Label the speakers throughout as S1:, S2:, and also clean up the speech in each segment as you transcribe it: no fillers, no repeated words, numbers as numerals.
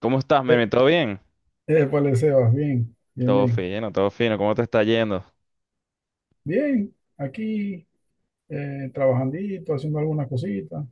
S1: ¿Cómo estás,
S2: Eh,
S1: Meme? ¿Todo bien?
S2: épale, Sebas, bien, bien,
S1: Todo
S2: bien.
S1: fino, todo fino. ¿Cómo te está yendo?
S2: Bien, aquí trabajandito, haciendo algunas cositas.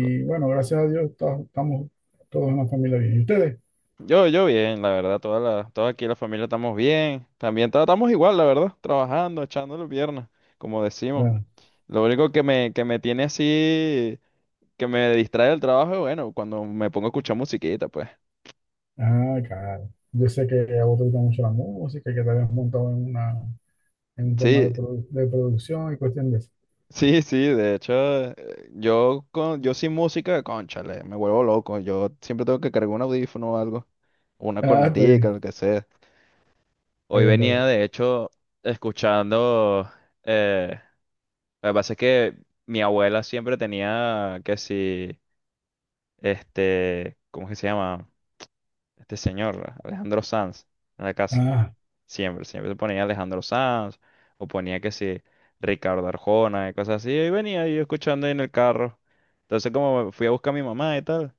S1: Co-
S2: bueno, gracias a Dios estamos todos en la familia bien. ¿Y ustedes?
S1: yo bien, la verdad. Toda aquí la familia estamos bien. También estamos igual, la verdad. Trabajando, echando las piernas, como decimos.
S2: Ah,
S1: Lo único que me tiene así, que me distrae del trabajo, es, bueno, cuando me pongo a escuchar musiquita, pues.
S2: ah, claro. Yo sé que a vos te gusta mucho la música, y que te habías montado en un tema de,
S1: Sí,
S2: de producción y cuestión de eso.
S1: sí, sí. De hecho, yo sin música, cónchale, me vuelvo loco. Yo siempre tengo que cargar un audífono o algo. Una
S2: Ah, está
S1: cornetica,
S2: bien,
S1: lo que sea.
S2: está
S1: Hoy
S2: bien, está bien.
S1: venía, de hecho, escuchando. Eh, lo que pasa es que mi abuela siempre tenía que si. Este. ¿Cómo es que se llama? Este señor, Alejandro Sanz, en la casa.
S2: Ah,
S1: Siempre, siempre se ponía Alejandro Sanz. O ponía que si. Ricardo Arjona y cosas así. Y venía yo escuchando ahí en el carro. Entonces, como fui a buscar a mi mamá y tal.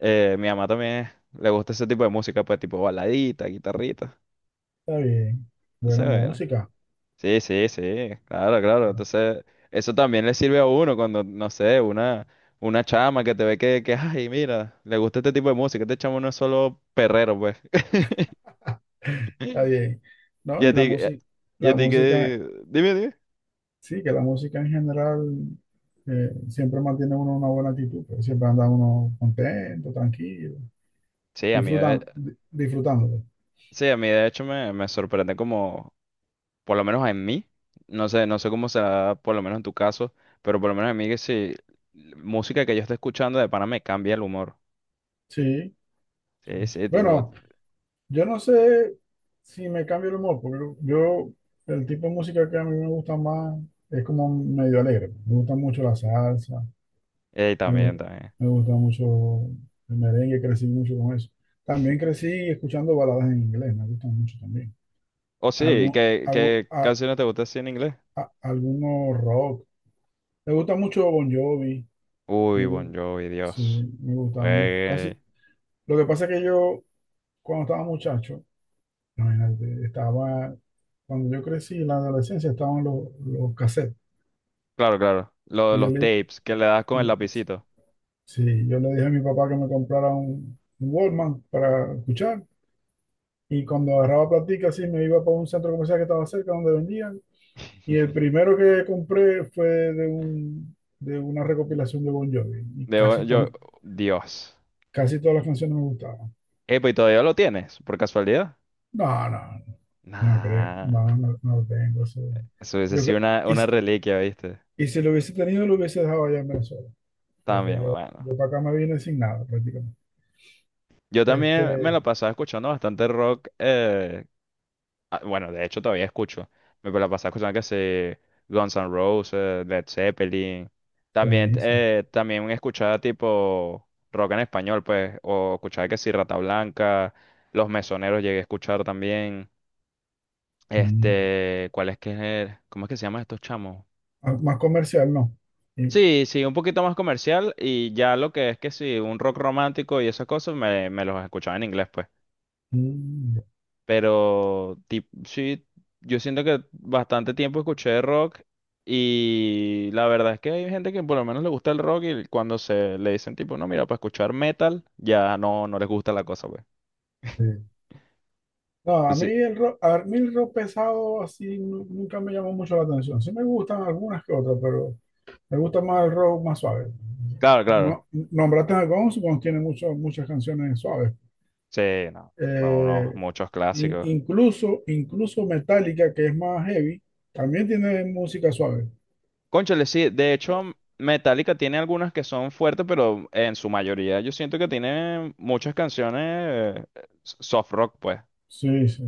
S1: Mi mamá también le gusta ese tipo de música, pues tipo baladita, guitarrita.
S2: está bien.
S1: No sé,
S2: Buena
S1: bueno.
S2: música.
S1: Sí, sí, sí, claro, claro.
S2: Bueno,
S1: Entonces, eso también le sirve a uno cuando, no sé, una chama que te ve que, ay, mira, le gusta este tipo de música, este chamo no es solo perrero, pues.
S2: está bien.
S1: Y
S2: No,
S1: a
S2: y la
S1: ti,
S2: música,
S1: y a
S2: la
S1: ti
S2: música,
S1: que, dime, dime.
S2: sí, que la música en general. Siempre mantiene uno una buena actitud, pues, siempre anda uno contento, tranquilo,
S1: Sí, a mí de,
S2: disfrutando, disfrutándolo.
S1: sí, a mí de hecho me sorprende como, por lo menos en mí, no sé cómo será, por lo menos en tu caso, pero por lo menos en mí que si música que yo esté escuchando de pana me cambia el humor.
S2: Sí.
S1: Sí, sí, tipo,
S2: Bueno, yo no sé si me cambio el humor, porque yo, el tipo de música que a mí me gusta más es como medio alegre. Me gusta mucho la salsa, me,
S1: también,
S2: gu-
S1: también.
S2: me gusta mucho el merengue, crecí mucho con eso. También crecí escuchando baladas en inglés, me gustan mucho también.
S1: Oh, sí,
S2: Algún, algo,
S1: ¿qué canciones te gustan así en inglés?
S2: a- Algunos rock. Me gusta mucho Bon Jovi.
S1: Uy,
S2: Me
S1: Bon
S2: gu-
S1: Jovi,
S2: sí,
S1: Dios.
S2: me gustaba mucho.
S1: Eh,
S2: Casi. Lo que pasa es que yo, cuando estaba muchacho, imagínate, estaba, cuando yo crecí en la adolescencia, estaban los cassettes.
S1: claro, claro. Lo de
S2: Y yo
S1: los
S2: le,
S1: tapes que le das con el
S2: le-
S1: lapicito.
S2: sí, yo le dije a mi papá que me comprara un Walkman para escuchar. Y cuando agarraba platica, así me iba para un centro comercial que estaba cerca donde vendían. Y el primero que compré fue de un, de una recopilación de Bon Jovi. Y
S1: De, Bon-
S2: casi,
S1: yo, Dios.
S2: casi todas las canciones me gustaban.
S1: Epa, ¿y todavía lo tienes? ¿Por casualidad?
S2: No, no, no. No creo,
S1: Nah.
S2: no, no, no tengo eso.
S1: Eso hubiese
S2: Yo,
S1: sido
S2: cre-
S1: una reliquia, ¿viste?
S2: y si lo hubiese tenido, lo hubiese dejado allá en Venezuela, porque
S1: También,
S2: yo,
S1: bueno.
S2: yo para acá me vine sin nada prácticamente.
S1: Yo también me
S2: Este,
S1: la pasaba escuchando bastante rock, ah, bueno, de hecho todavía escucho. Me la pasaba escuchando que se Guns N' Roses, Led Zeppelin. También,
S2: buenísimo.
S1: también escuchaba tipo rock en español, pues, o escuchaba que sí, Rata Blanca, Los Mesoneros llegué a escuchar también.
S2: Mm, ya.
S1: Este, ¿cuál es que es? ¿Cómo es que se llaman estos chamos?
S2: Ah, más comercial, no. Y-
S1: Sí, sí, un poquito más comercial y ya lo que es que sí, un rock romántico y esas cosas me los escuchaba en inglés, pues.
S2: mm, ya,
S1: Sí, yo siento que bastante tiempo escuché rock y la verdad es que hay gente que por lo menos le gusta el rock y cuando se le dicen tipo, no, mira, para escuchar metal, ya no, no les gusta la cosa, pues.
S2: sí. No, a mí
S1: Entonces,
S2: el rock, a mí el rock pesado así nunca me llamó mucho la atención. Sí me gustan algunas que otras, pero me gusta más el rock más suave.
S1: claro, claro.
S2: No, nombraste a Guns, Guns tiene muchas canciones suaves.
S1: Sí, no. Bueno, unos
S2: Eh,
S1: muchos clásicos.
S2: Incluso Metallica, que es más heavy, también tiene música suave.
S1: Cónchale, sí. De hecho, Metallica tiene algunas que son fuertes, pero en su mayoría yo siento que tiene muchas canciones soft rock, pues.
S2: Sí, sí.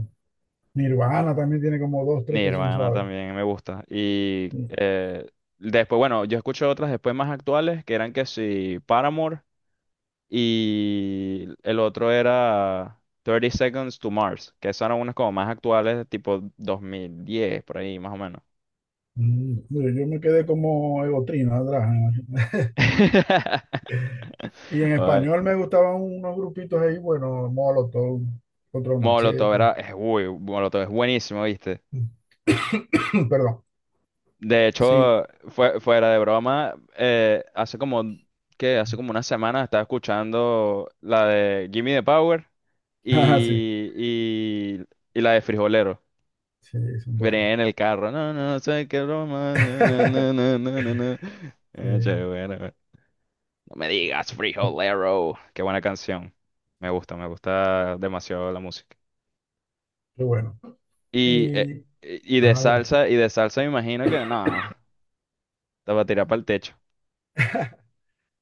S2: Nirvana también tiene como dos,
S1: Mi
S2: tres que son
S1: hermana
S2: suaves.
S1: también me gusta. Y
S2: Mm.
S1: después, bueno, yo escuché otras después más actuales que eran que si Paramore y el otro era Thirty Seconds to Mars, que esas eran unas como más actuales, tipo 2010, por ahí más o menos.
S2: Mm, yo me quedé como Egotrina atrás, ¿no? Y en
S1: Ay,
S2: español me gustaban unos grupitos ahí, bueno, Molotov, Control
S1: Molotov
S2: Machete.
S1: era, es, uy, Molotov es buenísimo, ¿viste?
S2: Perdón.
S1: De
S2: Sí.
S1: hecho, fuera de broma, hace como, qué. Hace como una semana estaba escuchando la de Gimme the Power.
S2: Ah, sí.
S1: y, y, y la de Frijolero.
S2: Sí, son buenos.
S1: Venía en el carro. No, no, sé qué broma. No, no, no, no, no, no. no".
S2: Sí,
S1: Che, bueno, bueno. No me
S2: sí,
S1: digas
S2: sí.
S1: Frijolero. Qué buena canción. Me gusta demasiado la música.
S2: Qué bueno.
S1: Y, eh,
S2: Y, ajá, dime.
S1: y de salsa me imagino que no, te va a tirar para el techo.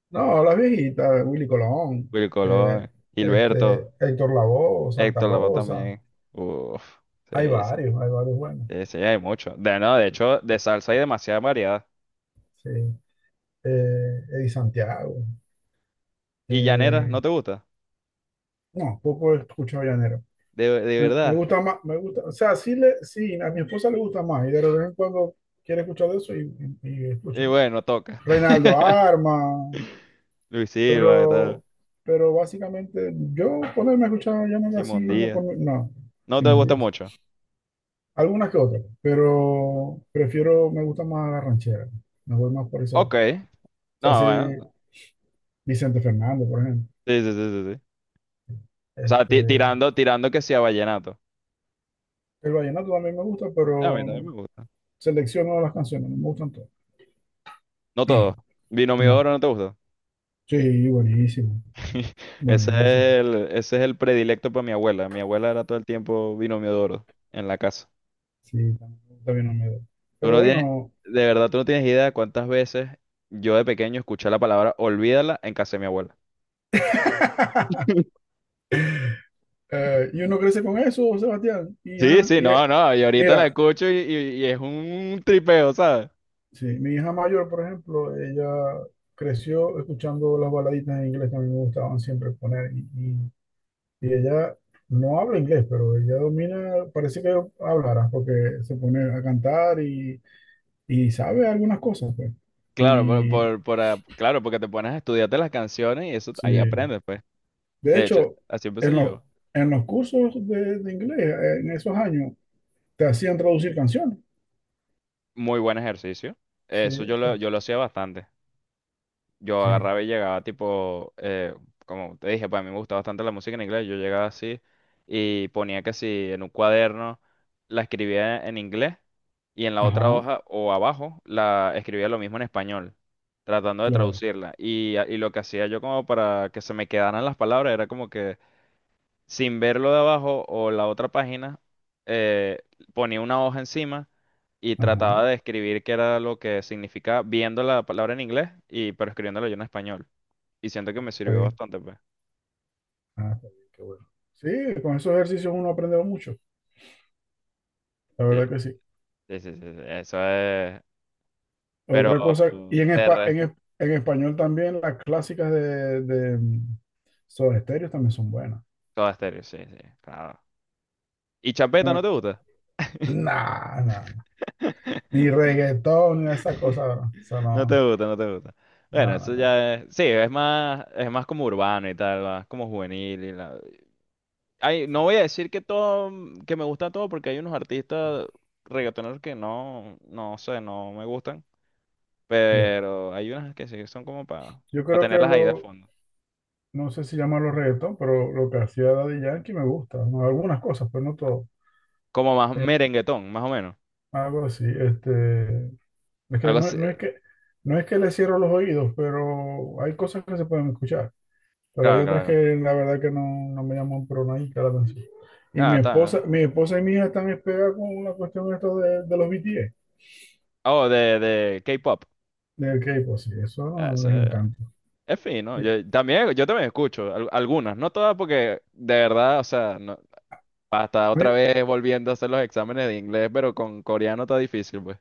S2: No, las viejitas, Willy Colón,
S1: Willy
S2: eh,
S1: Colón, Gilberto,
S2: Héctor Lavoe, Santa
S1: Héctor Lavoe
S2: Rosa,
S1: también. Uf, sí, sí,
S2: hay varios buenos,
S1: sí, sí, hay mucho. De, no, de hecho, de salsa hay demasiada variedad.
S2: sí. Eddie Santiago,
S1: ¿Y llanera,
S2: eh,
S1: no te gusta?
S2: no, poco he escuchado llanero.
S1: De
S2: Me
S1: verdad.
S2: gusta más, me gusta, o sea, sí, sí, a mi esposa le gusta más, y de vez en cuando quiere escuchar de eso y
S1: Y
S2: escucha.
S1: bueno, toca.
S2: Reinaldo Arma,
S1: Luis Silva, ¿qué tal?
S2: pero, pero básicamente yo ponerme a escuchar llanero así,
S1: Simón
S2: no,
S1: Díaz.
S2: por, no,
S1: No
S2: sin
S1: te
S2: más
S1: gusta mucho.
S2: algunas que otras, pero prefiero, me gusta más la ranchera. Me voy más por ese lado.
S1: Ok.
S2: O sea,
S1: No,
S2: sí,
S1: bueno.
S2: Vicente Fernández, por ejemplo.
S1: Sí, sí, sí, sí, sí. O sea,
S2: Este,
S1: tirando, tirando que sea vallenato.
S2: el vallenato también me gusta,
S1: A mí también me
S2: pero
S1: gusta.
S2: selecciono las canciones, no me gustan todas.
S1: No todo. Binomio de
S2: No.
S1: oro no te gusta.
S2: Sí, buenísimo,
S1: Ese es
S2: buenísimo.
S1: ese es el predilecto para mi abuela. Mi abuela era todo el tiempo binomio de oro en la casa.
S2: Sí, también me gusta bien Olmedo.
S1: Tú
S2: Pero
S1: no tienes,
S2: bueno,
S1: de verdad, tú no tienes idea de cuántas veces yo de pequeño escuché la palabra olvídala en casa de mi abuela.
S2: y uno crece con eso, Sebastián.
S1: Sí, sí, no, no, y ahorita la
S2: Mira,
S1: escucho y es un tripeo, ¿sabes?
S2: sí, mi hija mayor, por ejemplo, ella creció escuchando las baladitas en inglés que a mí me gustaban siempre poner y ella no habla inglés, pero ella domina, parece que hablará porque se pone a cantar y sabe algunas cosas, pues.
S1: Claro,
S2: Y
S1: ah, claro, porque te pones a estudiarte las canciones y eso
S2: sí,
S1: ahí
S2: de
S1: aprendes, pues. De hecho,
S2: hecho,
S1: así
S2: en
S1: empecé yo.
S2: en los cursos de inglés, en esos años, te hacían traducir canciones.
S1: Muy buen ejercicio.
S2: Sí,
S1: Yo lo hacía bastante. Yo
S2: sí,
S1: agarraba y llegaba tipo, como te dije, pues a mí me gusta bastante la música en inglés, yo llegaba así y ponía que si en un cuaderno la escribía en inglés y en la otra
S2: ajá,
S1: hoja o abajo la escribía lo mismo en español, tratando de
S2: claro,
S1: traducirla. Y lo que hacía yo como para que se me quedaran las palabras era como que sin verlo de abajo o la otra página, eh, ponía una hoja encima y
S2: ajá,
S1: trataba de escribir qué era lo que significaba, viendo la palabra en inglés y pero escribiéndolo yo en español. Y siento que me
S2: está
S1: sirvió
S2: bien.
S1: bastante, pues.
S2: Ah, qué bien, qué bueno. Sí, con esos ejercicios uno aprende mucho, la
S1: Sí,
S2: verdad que sí.
S1: sí, sí, sí, sí, eso es. Pero
S2: Otra cosa,
S1: de resto,
S2: en español también las clásicas de, de Soda Stereo también son buenas.
S1: todo estéreo, sí, sí, claro. ¿Y chapeta no
S2: No,
S1: te gusta?
S2: nah, nah, ni reggaetón ni esa cosa, bro. Eso
S1: No te
S2: no,
S1: gusta, no te gusta.
S2: no,
S1: Bueno,
S2: no,
S1: eso ya es, sí, es más como urbano y tal, más como juvenil y ay, no voy a decir que todo, que me gusta todo, porque hay unos artistas reggaetoneros que no, no sé, no me gustan,
S2: ya.
S1: pero hay unas que sí son como para
S2: Yo creo que
S1: tenerlas ahí de
S2: lo,
S1: fondo.
S2: no sé si llamarlo reggaetón, pero lo que hacía Daddy Yankee me gusta, ¿no? Algunas cosas, pero no todo.
S1: Como más
S2: Eh,
S1: merenguetón, más o menos.
S2: Algo así, este, es que
S1: Algo
S2: no,
S1: así.
S2: no es que le cierro los oídos, pero hay cosas que se pueden escuchar, pero hay
S1: Claro,
S2: otras
S1: claro,
S2: que
S1: claro.
S2: la verdad que no, no me llaman pero nadie la atención. Y
S1: Ah, está.
S2: mi esposa y mi hija están pegadas con la cuestión esto de los BTS,
S1: Oh, de K-pop.
S2: del K-pop, sí, eso
S1: Ah,
S2: no,
S1: eso
S2: les encanta.
S1: Es fino.
S2: Y,
S1: Yo también escucho algunas, no todas porque de verdad, o sea, no, hasta
S2: a
S1: otra
S2: ver,
S1: vez volviendo a hacer los exámenes de inglés, pero con coreano está difícil, pues.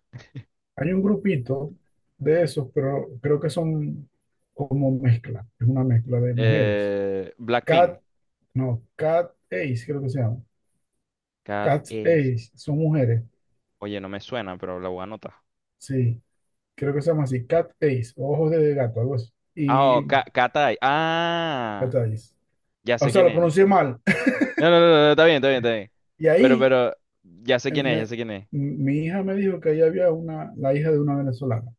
S2: hay un grupito de esos, pero creo que son como mezcla, es una mezcla de mujeres.
S1: Blackpink.
S2: Cat, no, Cat Ace creo que se llama.
S1: Cat
S2: Cat
S1: Ace.
S2: Ace son mujeres,
S1: Oye, no me suena, pero la voy a anotar.
S2: sí. Creo que se llama así, Cat Eyes, o Ojos de Gato, algo así. Y
S1: Cat Ace. Ah,
S2: Cat Eyes.
S1: ya
S2: O
S1: sé
S2: sea,
S1: quién
S2: lo
S1: es.
S2: pronuncié mal.
S1: No, no, no, no, no, está bien, está bien, está bien.
S2: Y ahí
S1: Pero, ya sé
S2: eh,
S1: quién es, ya
S2: me-
S1: sé quién es.
S2: mi hija me dijo que ahí había una, la hija de una venezolana.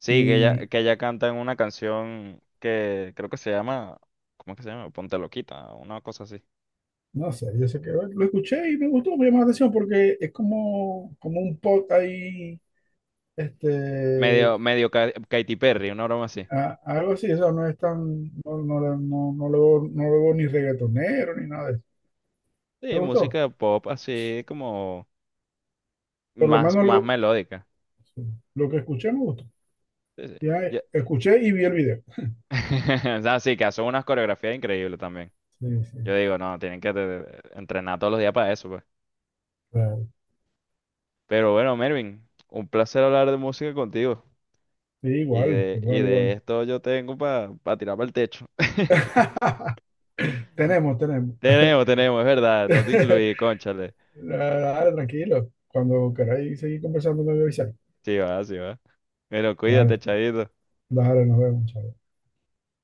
S1: Sí,
S2: Y
S1: que ella canta en una canción que creo que se llama, ¿cómo es que se llama? Ponte Loquita, una cosa así.
S2: no sé, yo sé que bueno, lo escuché y me gustó, me llamó la atención porque es como, como un pot ahí, este,
S1: Medio Katy Perry, una broma así.
S2: algo así, o sea, no es tan, no, no, no, no le veo, no le veo ni reggaetonero ni nada de eso.
S1: Sí,
S2: Me gustó,
S1: música pop así como
S2: por lo
S1: más,
S2: menos
S1: más
S2: lo,
S1: melódica.
S2: sí, lo que escuché me gustó.
S1: Sí, sí.
S2: Ya
S1: Ya-
S2: Escuché y vi el video.
S1: O sea, sí, que hace unas coreografías increíbles también.
S2: Sí, sí,
S1: Yo digo, no, tienen que entrenar todos los días para eso, pues.
S2: claro.
S1: Pero bueno, Mervin, un placer hablar de música contigo.
S2: Sí, igual,
S1: Y
S2: igual,
S1: de
S2: igual.
S1: esto yo tengo para tirar para el techo.
S2: Tenemos, tenemos.
S1: Tenemos, tenemos, es verdad. No te incluí, cónchale.
S2: Dale, dale, tranquilo. Cuando queráis seguir conversando, me voy a avisar.
S1: Sí va, sí va. Bueno, cuídate,
S2: Dale,
S1: chavito.
S2: dale, nos vemos, chao.